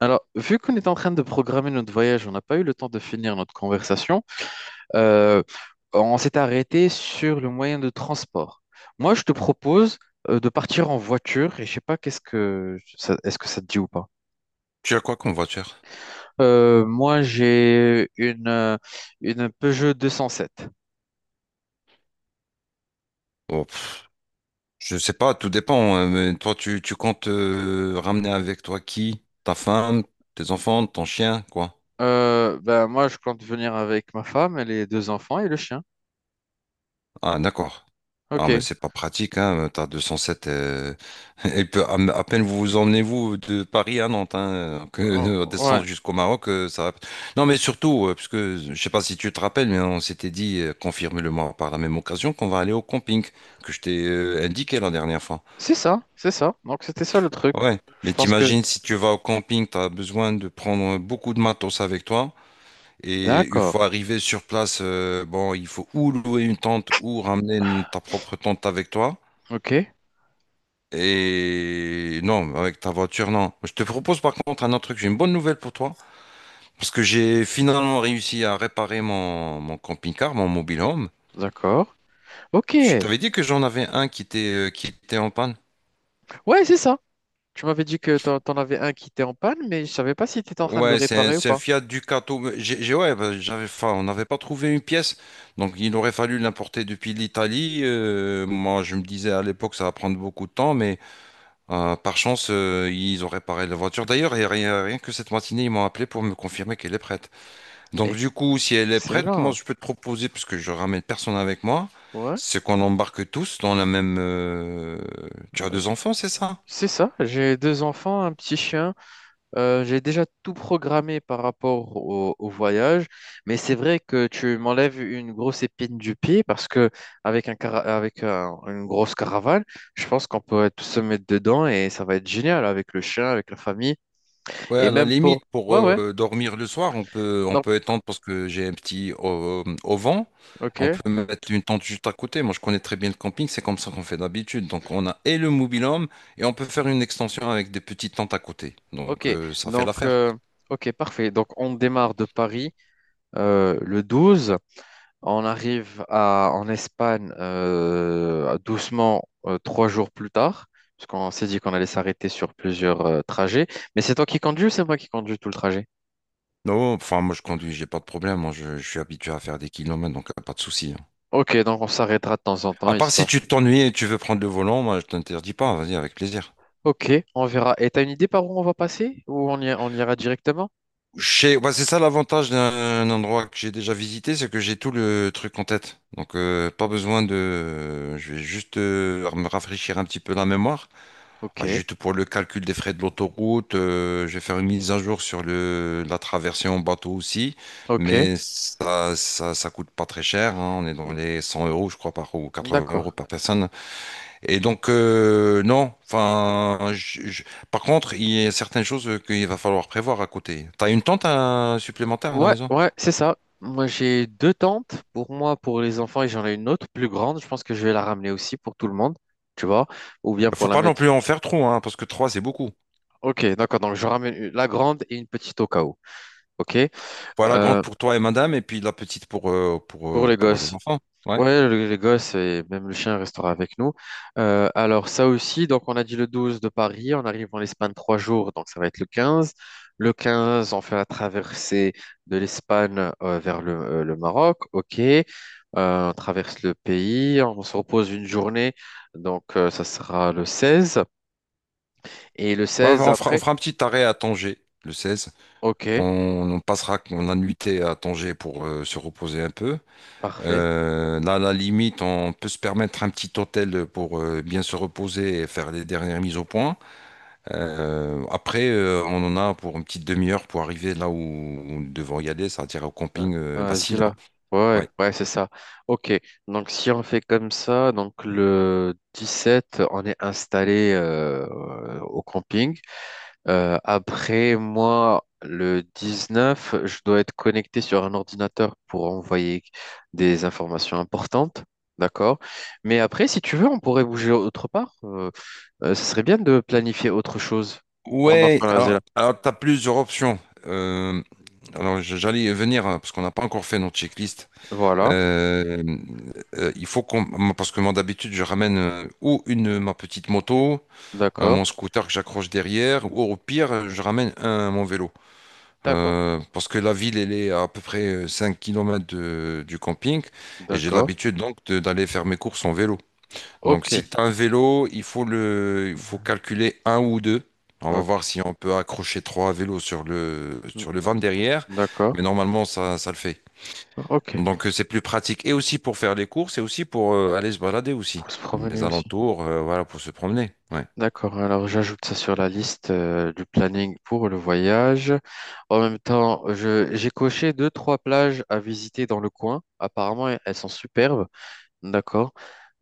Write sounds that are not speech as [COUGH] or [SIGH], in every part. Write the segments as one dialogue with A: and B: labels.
A: Alors, vu qu'on est en train de programmer notre voyage, on n'a pas eu le temps de finir notre conversation. euh, on s'est arrêté sur le moyen de transport. Moi, je te propose de partir en voiture et je sais pas qu'est-ce que est-ce que ça te dit ou pas.
B: Tu as quoi comme voiture?
A: Moi, j'ai une Peugeot 207.
B: Oh, pff, je sais pas, tout dépend, hein, mais toi, tu comptes ramener avec toi qui? Ta femme, tes enfants, ton chien, quoi?
A: Ben moi, je compte venir avec ma femme et les deux enfants et le chien.
B: Ah, d'accord. Ah, mais
A: Ok.
B: c'est pas pratique, hein. T'as 207. [LAUGHS] Elle peut, à peine vous vous emmenez, vous, de Paris à Nantes, hein, [LAUGHS] que
A: Oh, ouais.
B: descendre jusqu'au Maroc. Non, mais surtout, parce que je sais pas si tu te rappelles, mais on s'était dit, confirme-le-moi par la même occasion, qu'on va aller au camping que je t'ai indiqué la dernière fois.
A: C'est ça, c'est ça. Donc c'était ça le truc.
B: Ouais,
A: Je
B: mais
A: pense que.
B: t'imagines si tu vas au camping, tu as besoin de prendre beaucoup de matos avec toi. Et une fois
A: D'accord.
B: arrivé sur place, bon, il faut ou louer une tente ou ramener ta propre tente avec toi.
A: Ok.
B: Et non, avec ta voiture, non. Je te propose par contre un autre truc. J'ai une bonne nouvelle pour toi. Parce que j'ai finalement réussi à réparer mon camping-car, mon mobile home.
A: D'accord. Ok,
B: Je t'avais dit que j'en avais un qui était en panne.
A: ouais, c'est ça. Tu m'avais dit que t'en avais un qui était en panne, mais je savais pas si t'étais en train de le
B: Ouais, c'est un,
A: réparer ou
B: c'est un
A: pas.
B: Fiat Ducato. Mais ouais, bah, j'avais, enfin, on n'avait pas trouvé une pièce, donc il aurait fallu l'importer depuis l'Italie. Moi, je me disais à l'époque, ça va prendre beaucoup de temps, mais par chance, ils ont réparé la voiture. D'ailleurs, et rien, rien que cette matinée, ils m'ont appelé pour me confirmer qu'elle est prête. Donc, du coup, si elle est prête, moi,
A: Excellent.
B: je peux te proposer, parce que je ramène personne avec moi,
A: Ouais,
B: c'est qu'on embarque tous dans la même. Tu as
A: Euh,
B: deux enfants, c'est ça?
A: c'est ça. J'ai deux enfants, un petit chien. J'ai déjà tout programmé par rapport au voyage, mais c'est vrai que tu m'enlèves une grosse épine du pied parce que avec un cara- avec un- une grosse caravane, je pense qu'on peut tous se mettre dedans et ça va être génial avec le chien, avec la famille
B: Ouais,
A: et
B: à la
A: même pour.
B: limite, pour
A: Ouais, ouais.
B: dormir le soir, on peut, on
A: Donc,
B: peut étendre parce que j'ai un petit au vent. On
A: ok.
B: peut mettre une tente juste à côté. Moi, je connais très bien le camping, c'est comme ça qu'on fait d'habitude. Donc, on a et le mobil-home et on peut faire une extension avec des petites tentes à côté. Donc,
A: Ok,
B: ça fait
A: donc,
B: l'affaire.
A: ok, parfait. Donc, on démarre de Paris le 12. On arrive en Espagne doucement 3 jours plus tard, parce qu'on s'est dit qu'on allait s'arrêter sur plusieurs trajets. Mais c'est toi qui conduis ou c'est moi qui conduis tout le trajet?
B: Non, enfin, moi, je conduis, j'ai pas de problème. Moi, je suis habitué à faire des kilomètres, donc pas de souci, hein.
A: Ok, donc on s'arrêtera de temps en temps,
B: À part si
A: histoire.
B: tu t'ennuies et tu veux prendre le volant, moi, je t'interdis pas. Vas-y, avec plaisir.
A: Ok, on verra. Et t'as une idée par où on va passer? Ou on ira directement?
B: Ouais, c'est ça l'avantage d'un endroit que j'ai déjà visité, c'est que j'ai tout le truc en tête. Donc, pas besoin de. Je vais juste me rafraîchir un petit peu la mémoire.
A: Ok,
B: Ah, juste pour le calcul des frais de l'autoroute, je vais faire une mise à jour sur la traversée en bateau aussi.
A: ok,
B: Mais ça coûte pas très cher, hein. On est dans les 100 euros, je crois, par... ou 80 euros
A: d'accord.
B: par personne. Et donc, non, enfin, par contre, il y a certaines choses qu'il va falloir prévoir à côté. T'as une tente supplémentaire à la
A: Ouais,
B: maison?
A: ouais, c'est ça. Moi, j'ai deux tentes pour moi, pour les enfants, et j'en ai une autre plus grande. Je pense que je vais la ramener aussi pour tout le monde, tu vois, ou bien
B: Faut
A: pour la
B: pas non
A: mettre.
B: plus en faire trop, hein, parce que trois, c'est beaucoup.
A: Ok, d'accord. Donc, je ramène la grande et une petite au cas où. Ok.
B: Voilà, la grande
A: Euh,
B: pour toi et madame, et puis la petite pour,
A: pour les
B: pour les
A: gosses.
B: enfants. Ouais.
A: Ouais, les gosses et même le chien restera avec nous. Alors ça aussi, donc on a dit le 12 de Paris, on arrive en Espagne 3 jours, donc ça va être le 15. Le 15, on fait la traversée de l'Espagne vers le Maroc, ok. On traverse le pays, on se repose une journée, donc ça sera le 16. Et le
B: Ouais,
A: 16
B: on fera, on
A: après,
B: fera un petit arrêt à Tanger, le 16. On,
A: ok,
B: on passera la nuitée à Tanger pour se reposer un peu.
A: parfait.
B: Là, à la limite, on peut se permettre un petit hôtel pour bien se reposer et faire les dernières mises au point. Après, on en a pour une petite demi-heure pour arriver là où nous devons y aller, c'est-à-dire au
A: Ouais.
B: camping
A: Ah, vas-y
B: d'Assila.
A: là. Ouais, ouais,
B: Ouais.
A: ouais, c'est ça. Ok, donc si on fait comme ça, donc le 17 on est installé au camping. Après, moi, le 19 je dois être connecté sur un ordinateur pour envoyer des informations importantes. D'accord. Mais après, si tu veux, on pourrait bouger autre part. Ce serait bien de planifier autre chose pendant
B: Ouais,
A: qu'on est là.
B: alors tu as plusieurs options. Euh, alors, j'allais y venir, hein, parce qu'on n'a pas encore fait notre checklist.
A: Voilà.
B: Euh, il faut qu'on. Parce que moi, d'habitude, je ramène ou ma petite moto,
A: D'accord.
B: mon scooter que j'accroche derrière, ou au pire, je ramène mon vélo.
A: D'accord.
B: Parce que la ville, elle est à, peu près 5 kilomètres du camping et j'ai
A: D'accord.
B: l'habitude donc d'aller faire mes courses en vélo. Donc
A: Ok.
B: si tu as un vélo, il faut calculer un ou deux. On va voir
A: Ok.
B: si on peut accrocher trois vélos sur le van derrière,
A: D'accord.
B: mais normalement ça le fait.
A: Ok.
B: Donc c'est plus pratique et aussi pour faire les courses et aussi pour aller se balader aussi.
A: Pour se
B: Les
A: promener aussi.
B: alentours, voilà, pour se promener. Ouais.
A: D'accord. Alors, j'ajoute ça sur la liste du planning pour le voyage. En même temps, j'ai coché deux, trois plages à visiter dans le coin. Apparemment, elles sont superbes. D'accord.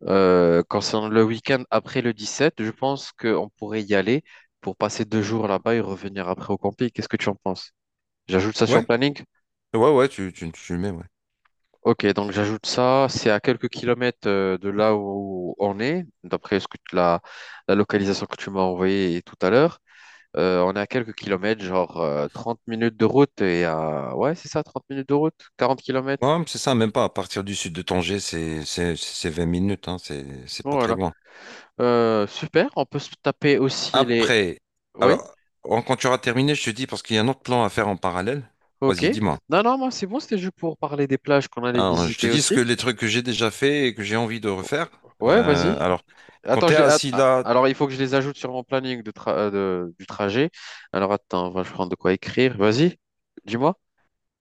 A: Concernant le week-end après le 17, je pense qu'on pourrait y aller pour passer 2 jours là-bas et revenir après au camping. Qu'est-ce que tu en penses? J'ajoute ça sur le
B: Ouais,
A: planning?
B: ouais, ouais, tu le mets, ouais.
A: Ok, donc j'ajoute ça, c'est à quelques kilomètres de là où on est, d'après la localisation que tu m'as envoyée tout à l'heure. On est à quelques kilomètres, genre 30 minutes de route et à... Ouais, c'est ça, 30 minutes de route, 40 kilomètres.
B: Ouais, c'est ça, même pas. À partir du sud de Tanger, c'est 20 minutes, hein, c'est
A: Bon,
B: pas très
A: voilà.
B: loin.
A: Super, on peut se taper aussi les...
B: Après,
A: Oui,
B: alors, quand tu auras terminé, je te dis, parce qu'il y a un autre plan à faire en parallèle.
A: ok.
B: Vas-y, dis-moi.
A: Non, non, moi c'est bon, c'était juste pour parler des plages qu'on allait
B: Alors, je te
A: visiter
B: dis ce que
A: aussi.
B: les trucs que j'ai déjà fait et que j'ai envie de refaire.
A: Ouais,
B: Euh,
A: vas-y.
B: alors, quand
A: Attends,
B: tu es
A: je les-
B: à
A: att- ah,
B: Silla,
A: alors il faut que je les ajoute sur mon planning du trajet. Alors attends, on va prendre de quoi écrire. Vas-y, dis-moi.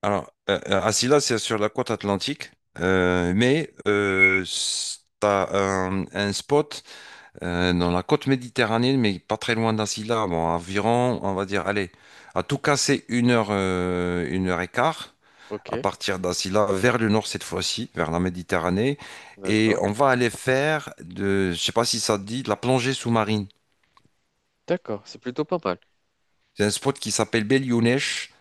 B: alors, assis c'est sur la côte atlantique, mais tu as un spot dans la côte méditerranéenne, mais pas très loin d'Asila, bon, environ, on va dire, allez, à tout casser une heure et quart à
A: Ok,
B: partir d'Asila vers le nord cette fois-ci, vers la Méditerranée, et
A: d'accord.
B: on va aller faire de, je sais pas si ça te dit, de la plongée sous-marine.
A: D'accord, c'est plutôt pas mal.
B: C'est un spot qui s'appelle Belyounesh.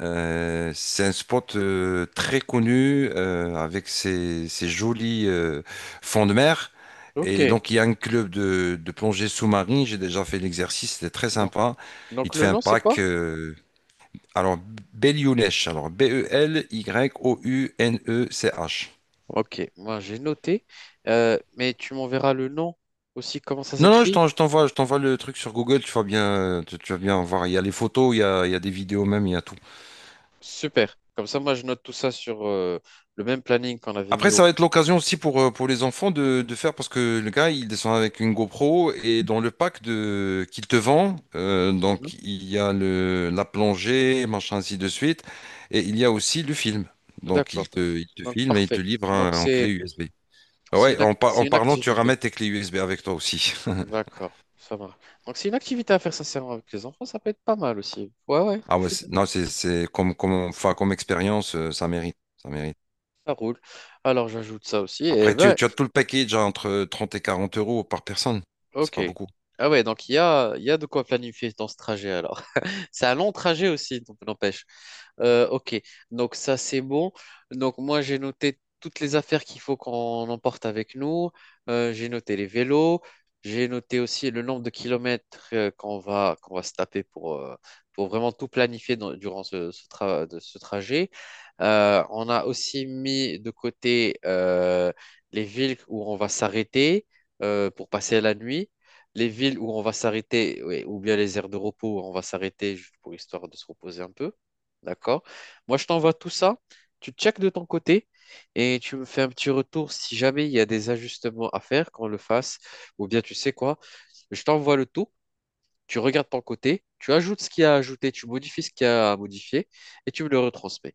B: C'est un spot très connu avec ses jolis fonds de mer.
A: Ok,
B: Et donc, il y a un club de plongée sous-marine. J'ai déjà fait l'exercice, c'était très
A: donc,
B: sympa. Il
A: donc
B: te
A: le
B: fait un
A: nom, c'est
B: pack.
A: quoi?
B: Alors, Belyounesh. Alors, Belyounech.
A: Ok, moi j'ai noté, mais tu m'enverras le nom aussi, comment ça
B: Non, non,
A: s'écrit?
B: je t'envoie le truc sur Google. Tu vas bien, tu vas bien voir. Il y a les photos, il y a des vidéos même, il y a tout.
A: Super. Comme ça, moi je note tout ça sur le même planning qu'on avait
B: Après,
A: mis
B: ça
A: au.
B: va être l'occasion aussi pour les enfants de faire, parce que le gars, il descend avec une GoPro et dans le pack qu'il te vend,
A: Mhm.
B: donc il y a la plongée, machin, ainsi de suite, et il y a aussi le film. Donc
A: D'accord,
B: il te
A: donc
B: filme et il
A: parfait.
B: te livre
A: Donc
B: en clé USB. Ah ouais, en,
A: c'est
B: en
A: une
B: parlant, tu ramènes
A: activité.
B: tes clés USB avec toi aussi. [LAUGHS]
A: D'accord, ça marche. Donc, c'est une activité à faire sincèrement avec les enfants, ça peut être pas mal aussi. Ouais, ouais,
B: Ah
A: je
B: ouais,
A: suis d'accord,
B: non, c'est enfin, comme expérience, ça mérite, ça mérite.
A: ça roule. Alors, j'ajoute ça aussi.
B: Après,
A: Et ben,
B: tu as tout le package à entre 30 et 40 euros par personne. C'est
A: ok.
B: pas beaucoup.
A: Ah ouais, donc il y a de quoi planifier dans ce trajet alors. [LAUGHS] C'est un long trajet aussi, donc n'empêche. Ok, donc ça c'est bon. Donc moi j'ai noté toutes les affaires qu'il faut qu'on emporte avec nous. J'ai noté les vélos, j'ai noté aussi le nombre de kilomètres qu'on va se taper pour vraiment tout planifier dans- durant ce, ce tra- de ce trajet. On a aussi mis de côté les villes où on va s'arrêter pour passer la nuit. Les villes où on va s'arrêter, ouais, ou bien les aires de repos où on va s'arrêter juste pour histoire de se reposer un peu. D'accord? Moi, je t'envoie tout ça. Tu checkes de ton côté et tu me fais un petit retour si jamais il y a des ajustements à faire, qu'on le fasse. Ou bien, tu sais quoi? Je t'envoie le tout. Tu regardes ton côté. Tu ajoutes ce qu'il y a à ajouter. Tu modifies ce qu'il y a à modifier et tu me le retransmets.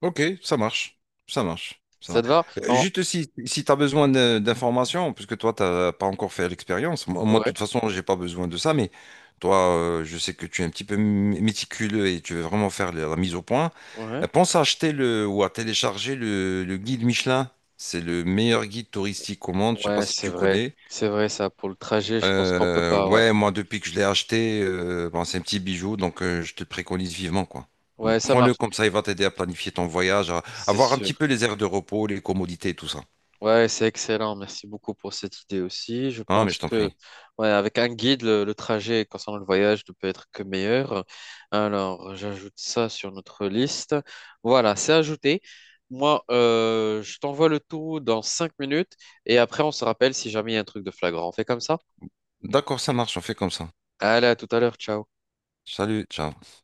B: Ok, ça marche. Ça marche. Ça
A: Ça
B: va.
A: te va? Non.
B: Juste si tu as besoin d'informations, puisque toi, tu n'as pas encore fait l'expérience. Moi, de
A: Ouais.
B: toute façon, j'ai pas besoin de ça, mais toi, je sais que tu es un petit peu méticuleux et tu veux vraiment faire la mise au point.
A: Ouais.
B: Pense à acheter ou à télécharger le guide Michelin. C'est le meilleur guide touristique au monde. Je sais pas
A: Ouais,
B: si
A: c'est
B: tu
A: vrai.
B: connais.
A: C'est vrai, ça. Pour le trajet, je pense qu'on peut
B: Euh,
A: pas. Ouais.
B: ouais, moi, depuis que je l'ai acheté, bon, c'est un petit bijou, donc je te le préconise vivement, quoi.
A: Ouais, ça
B: Prends-le
A: marche.
B: comme ça, il va t'aider à planifier ton voyage, à
A: C'est
B: avoir un petit
A: sûr.
B: peu les aires de repos, les commodités et tout ça.
A: Ouais, c'est excellent. Merci beaucoup pour cette idée aussi. Je
B: Ah, mais je
A: pense
B: t'en
A: que,
B: prie.
A: ouais, avec un guide, le trajet concernant le voyage ne peut être que meilleur. Alors, j'ajoute ça sur notre liste. Voilà, c'est ajouté. Moi, je t'envoie le tout dans 5 minutes et après, on se rappelle si jamais il y a un truc de flagrant. On fait comme ça?
B: D'accord, ça marche, on fait comme ça.
A: Allez, à tout à l'heure. Ciao.
B: Salut, ciao.